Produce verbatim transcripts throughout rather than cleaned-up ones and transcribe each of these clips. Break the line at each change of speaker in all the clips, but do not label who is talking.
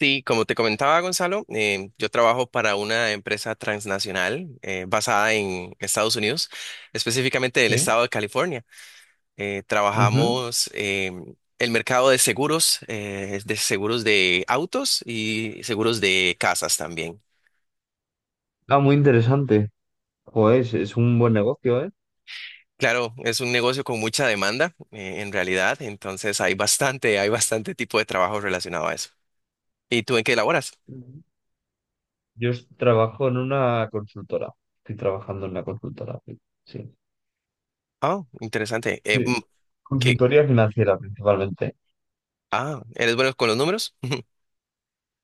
Sí, como te comentaba Gonzalo, eh, yo trabajo para una empresa transnacional eh, basada en Estados Unidos, específicamente del
Sí.
estado de California. Eh,
Ujú.
trabajamos eh, el mercado de seguros, eh, de seguros de autos y seguros de casas también.
Ah, muy interesante. Pues es un buen negocio, ¿eh?
Claro, es un negocio con mucha demanda eh, en realidad, entonces hay bastante, hay bastante tipo de trabajo relacionado a eso. ¿Y tú en qué laboras?
Ujú. Yo es- trabajo en una consultora. Estoy trabajando en una consultora. Sí. Sí.
Ah, interesante. Eh,
Sí.
mm, ¿qué?
Consultoría financiera principalmente.
Ah, ¿eres bueno con los números?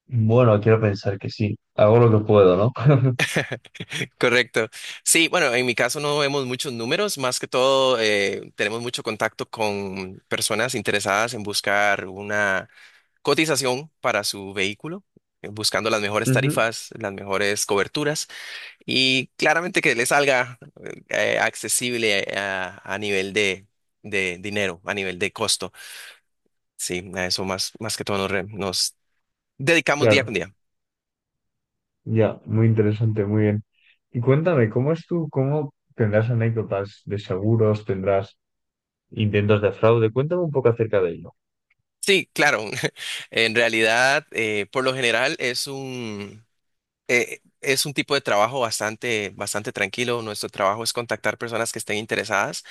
Bueno, quiero pensar que sí. Hago lo que puedo, ¿no?
Correcto. Sí, bueno, en mi caso no vemos muchos números, más que todo eh, tenemos mucho contacto con personas interesadas en buscar una cotización para su vehículo, eh, buscando las mejores
Ujú.
tarifas, las mejores coberturas y claramente que le salga eh, accesible a, a nivel de, de dinero, a nivel de costo. Sí, a eso más, más que todo nos, re- nos dedicamos día
Claro,
con día.
ya, muy interesante, muy bien. Y cuéntame, ¿cómo es tú? ¿Cómo tendrás anécdotas de seguros? ¿Tendrás intentos de fraude? Cuéntame un poco acerca de ello.
Sí, claro. En realidad, eh, por lo general es un, eh, es un tipo de trabajo bastante, bastante tranquilo. Nuestro trabajo es contactar personas que estén interesadas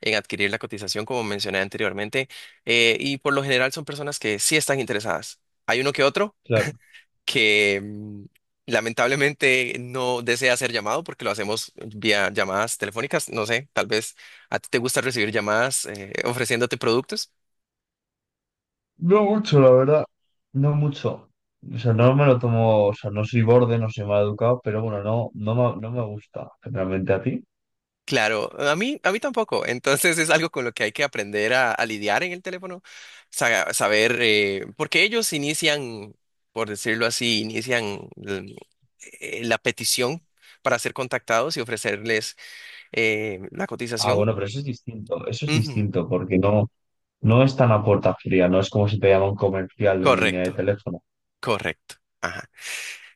en adquirir la cotización, como mencioné anteriormente, eh, y por lo general son personas que sí están interesadas. Hay uno que otro
Claro.
que mm, lamentablemente no desea ser llamado porque lo hacemos vía llamadas telefónicas. No sé, tal vez a ti te gusta recibir llamadas eh, ofreciéndote productos.
No mucho, la verdad. No mucho. O sea, no me lo tomo, o sea, no soy borde, no soy mal educado, pero bueno, no, no me, no me gusta generalmente a ti.
Claro, a mí, a mí tampoco. Entonces es algo con lo que hay que aprender a, a lidiar en el teléfono, sa- saber, eh, porque ellos inician, por decirlo así, inician mm, eh, la petición para ser contactados y ofrecerles eh, la
Ah,
cotización.
bueno, pero eso es distinto, eso es
Ujú.
distinto, porque no, no es tan a puerta fría, no es como si te llama un comercial de una línea de
Correcto,
teléfono.
correcto. Ajá.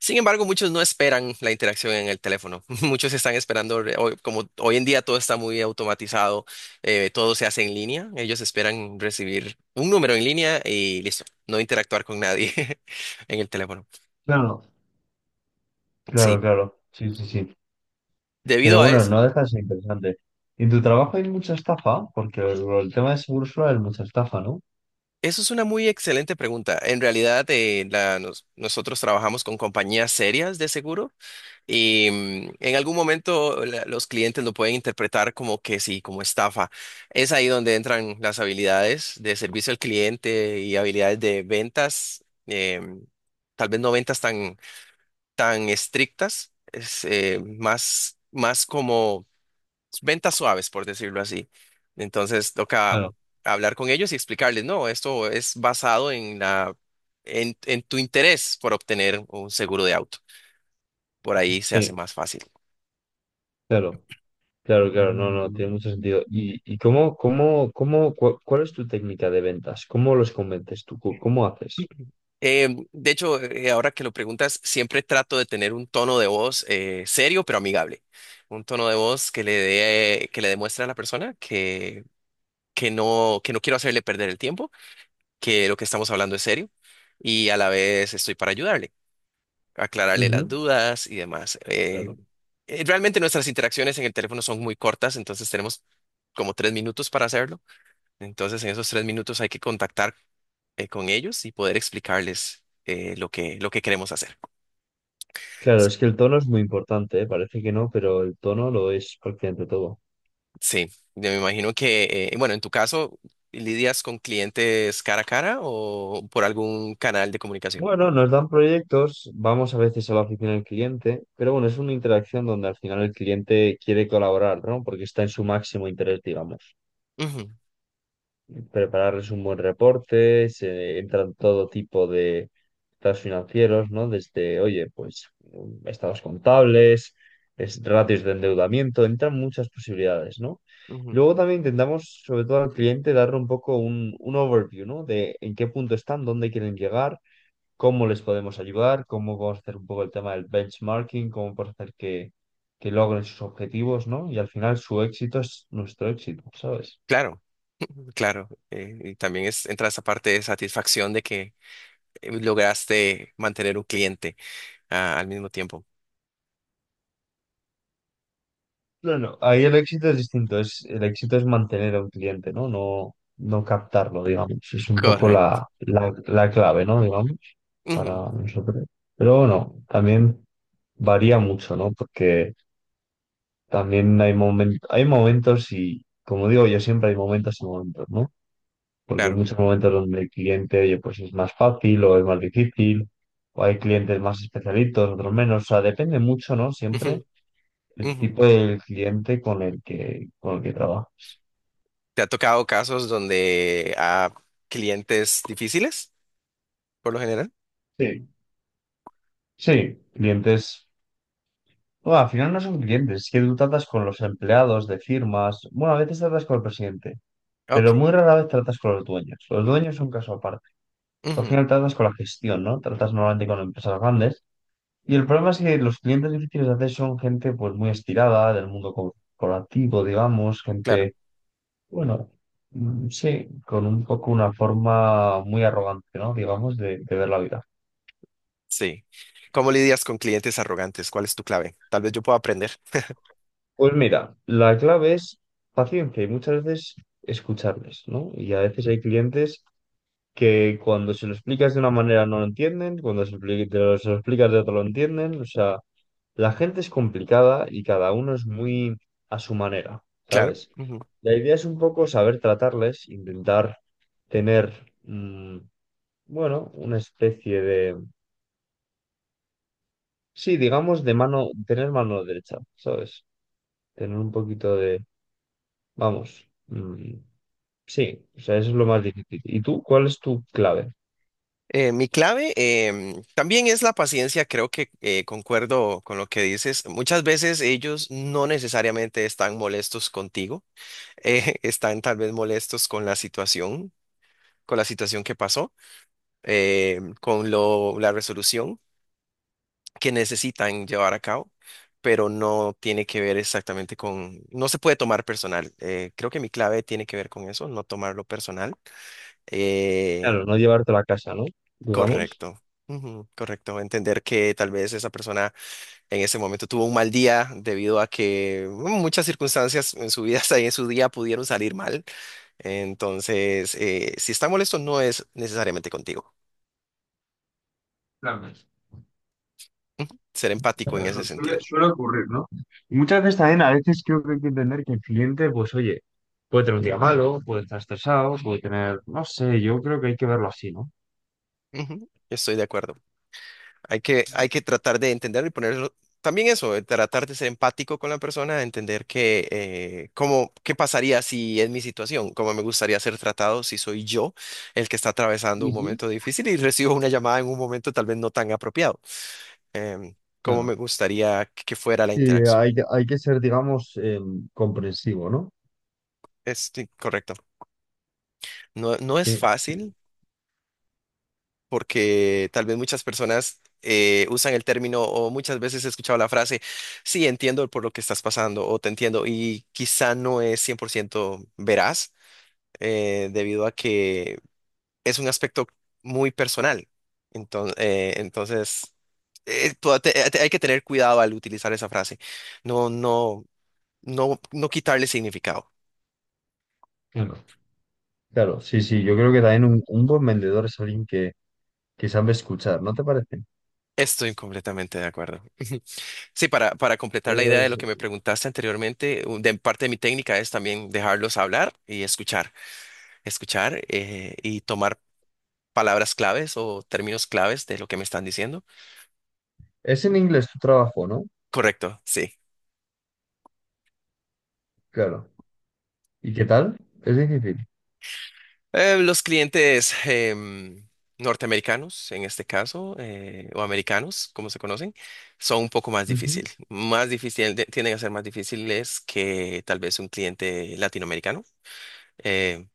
Sin embargo, muchos no esperan la interacción en el teléfono. Muchos están esperando, re- hoy- como hoy en día todo está muy automatizado, eh, todo se hace en línea. Ellos esperan recibir un número en línea y listo, no interactuar con nadie en el teléfono.
Claro, claro,
Sí,
claro, sí, sí, sí.
debido
Pero
a
bueno,
eso,
no deja de ser interesante. ¿En tu trabajo hay mucha estafa? Porque el, el tema de seguro social es mucha estafa, ¿no?
eso es una muy excelente pregunta. En realidad, eh, la- nos- nosotros trabajamos con compañías serias de seguros. Y mm, en algún momento la- los clientes lo pueden interpretar como que sí, como estafa. Es ahí donde entran las habilidades de servicio al cliente y habilidades de ventas, em, tal vez no ventas tan, tan estrictas, es, eh, más, más como ventas suaves, por decirlo así. Entonces toca
Claro,
hablar con ellos y explicarles, no, esto es basado en la, en en tu interés por obtener un seguro de auto. Por ahí se hace
sí,
más fácil.
claro. Claro, claro, no, no, tiene mucho sentido. ¿Y, y cómo, cómo, cómo, cua- cuál es tu técnica de ventas? ¿Cómo los convences tú? ¿Cómo cómo haces?
Eh, de hecho, eh, ahora que lo preguntas, siempre trato de tener un tono de voz eh, serio pero amigable. Un tono de voz que le dé, que le demuestre a la persona que, que no, que no quiero hacerle perder el tiempo, que lo que estamos hablando es serio y a la vez estoy para ayudarle, aclararle
Ujú.
las dudas y demás. Eh,
Claro.
eh, realmente nuestras interacciones en el teléfono son muy cortas, entonces tenemos como tres minutos para hacerlo. Entonces, en esos tres minutos hay que contactar eh, con ellos y poder explicarles eh, lo que, lo que queremos hacer.
Claro,
Sí,
es que el tono es muy importante, ¿eh? Parece que no, pero el tono lo es prácticamente todo.
sí, yo me imagino que, eh, bueno, en tu caso, ¿lidias con clientes cara a cara o por algún canal de comunicación?
Bueno, nos dan proyectos, vamos a veces a la oficina del cliente, pero bueno, es una interacción donde al final el cliente quiere colaborar, ¿no? Porque está en su máximo interés, digamos.
Ujú,
Prepararles un buen reporte, se entran todo tipo de estados financieros, ¿no? Desde, oye, pues estados contables, es- ratios de endeudamiento, entran muchas posibilidades, ¿no?
ujú.
Luego también intentamos, sobre todo al cliente, darle un poco un, un overview, ¿no? De en qué punto están, dónde quieren llegar, cómo les podemos ayudar, cómo podemos hacer un poco el tema del benchmarking, cómo podemos hacer que, que logren sus objetivos, ¿no? Y al final su éxito es nuestro éxito, ¿sabes?
Claro, claro. eh, y también es, entra esa parte de satisfacción de que eh, lograste mantener un cliente ah, al mismo tiempo.
Claro, ahí el éxito es distinto, es, el éxito es mantener a un cliente, ¿no? No, no captarlo, digamos. Es un poco
Correcto.
la, la, la clave, ¿no? Digamos,
Ujú,
para nosotros. Pero bueno, también varía mucho, ¿no? Porque también hay momen- hay momentos y, como digo yo siempre, hay momentos y momentos, ¿no? Porque hay
claro.
muchos momentos donde el cliente, oye, pues es más fácil o es más difícil, o hay clientes más especialitos, otros menos. O sea, depende mucho, ¿no?
Ujú,
Siempre el
ujú.
tipo del cliente con el que, con el que trabaja.
¿Te ha tocado casos donde a clientes difíciles, por lo general?
Sí, sí, clientes. Bueno, al final no son clientes, es que tú tratas con los empleados de firmas. Bueno, a veces tratas con el presidente, pero
Ok.
muy rara vez tratas con los dueños. Los dueños son caso aparte. Al
Ujú,
final tratas con la gestión, ¿no? Tratas normalmente con empresas grandes. Y el problema es que los clientes difíciles de hacer son gente pues muy estirada del mundo corporativo, digamos,
claro,
gente, bueno, mm, sí, con un poco una forma muy arrogante, ¿no? Digamos, de, de ver la vida.
sí. ¿Cómo lidias con clientes arrogantes? ¿Cuál es tu clave? Tal vez yo pueda aprender.
Pues mira, la clave es paciencia y muchas veces escucharles, ¿no? Y a veces hay clientes que cuando se lo explicas de una manera no lo entienden, cuando se, lo expli- te lo- se lo explicas de otra lo entienden, o sea, la gente es complicada y cada uno es muy a su manera,
Claro,
¿sabes?
ujú.
La idea es un poco saber tratarles, intentar tener, mm, bueno, una especie de, sí, digamos, de mano, tener mano derecha, ¿sabes? Tener un poquito de, vamos. mm, Sí, o sea, eso es lo más difícil. ¿Y tú cuál es tu clave?
Eh, mi clave em, también es la paciencia. Creo que eh, concuerdo con lo que dices. Muchas veces ellos no necesariamente están molestos contigo, eh, están tal vez molestos con la situación, con la situación que pasó, eh, con lo, la resolución que necesitan llevar a cabo, pero no tiene que ver exactamente con, no se puede tomar personal. Eh, creo que mi clave tiene que ver con eso, no tomarlo personal. Eh,
Claro, no llevarte la casa, ¿no? Digamos.
correcto. Ujú, correcto, entender que tal vez esa persona en ese momento tuvo un mal día debido a que mm, muchas circunstancias en su vida, en su día pudieron salir mal. Entonces, eh, si está molesto, no es necesariamente contigo.
Claro,
Ujú, ser empático en
pero
ese
su- suele,
sentido.
suele ocurrir, ¿no? Y muchas veces también, a veces creo que hay que entender que el cliente, pues oye, puede tener un día malo, puede estar estresado, puede tener, no sé, yo creo que hay que verlo así, ¿no?
Ujú, estoy de acuerdo. Hay que, hay que tratar de entender y poner también eso, de tratar de ser empático con la persona, de entender que, eh, cómo, qué pasaría si es mi situación, cómo me gustaría ser tratado si soy yo el que está atravesando un
Ujú.
momento difícil y recibo una llamada en un momento tal vez no tan apropiado. Em, cómo
Claro.
me gustaría que que fuera la
Sí,
interacción.
hay, que- hay que ser, digamos, em, comprensivo, ¿no?
Es sí, correcto. No, no es
Sí, sí.
fácil, porque tal vez muchas personas eh, usan el término o muchas veces he escuchado la frase, sí, entiendo por lo que estás pasando o te entiendo y quizá no es cien por ciento veraz eh, debido a que es un aspecto muy personal. Entonces, entonces eh, tú- te- te- hay que tener cuidado al utilizar esa frase, no, no, no, no quitarle significado.
Claro. Claro, sí, sí. Yo creo que también un, un buen vendedor es alguien que, que sabe escuchar, ¿no te parece?
Estoy completamente de acuerdo. Sí, para, para completar la
Creo que
idea de lo
es,
que me preguntaste anteriormente, u- de parte de mi técnica es también dejarlos hablar y escuchar, escuchar eh, y tomar palabras claves o términos claves de lo que me están diciendo.
¿es en inglés tu trabajo, ¿no?
Correcto, sí.
Claro. ¿Y qué tal? Es difícil.
Eh, los clientes em, norteamericanos, en este caso, eh, o americanos, como se conocen, son un poco más
Ujú.
difícil, más difícil, de- tienden a ser más difíciles que tal vez un cliente latinoamericano. Eh,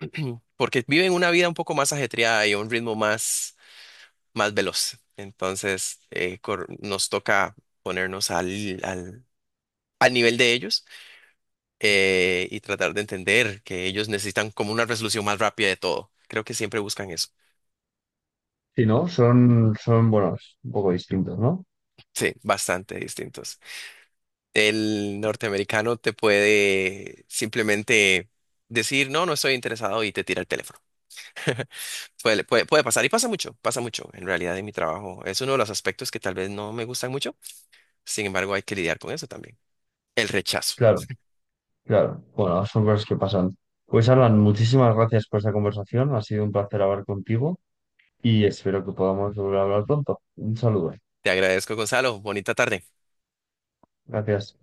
porque viven una vida un poco más ajetreada y a un ritmo más, más veloz. Entonces, eh, cor- nos toca ponernos al, al, al nivel de ellos eh, y tratar de entender que ellos necesitan como una resolución más rápida de todo. Creo que siempre buscan eso.
Si no, son, son, bueno, es un poco distintos, ¿no?
Sí, bastante distintos. El norteamericano te puede simplemente decir, no, no estoy interesado y te tira el teléfono. Puede, puede, puede pasar y pasa mucho, pasa mucho en realidad en mi trabajo. Es uno de los aspectos que tal vez no me gustan mucho. Sin embargo, hay que lidiar con eso también. El rechazo.
Claro, claro. Bueno, son cosas que pasan. Pues Alan, muchísimas gracias por esta conversación. Ha sido un placer hablar contigo y espero que podamos volver a hablar pronto. Un saludo.
Te agradezco, Gonzalo. Bonita tarde.
Gracias.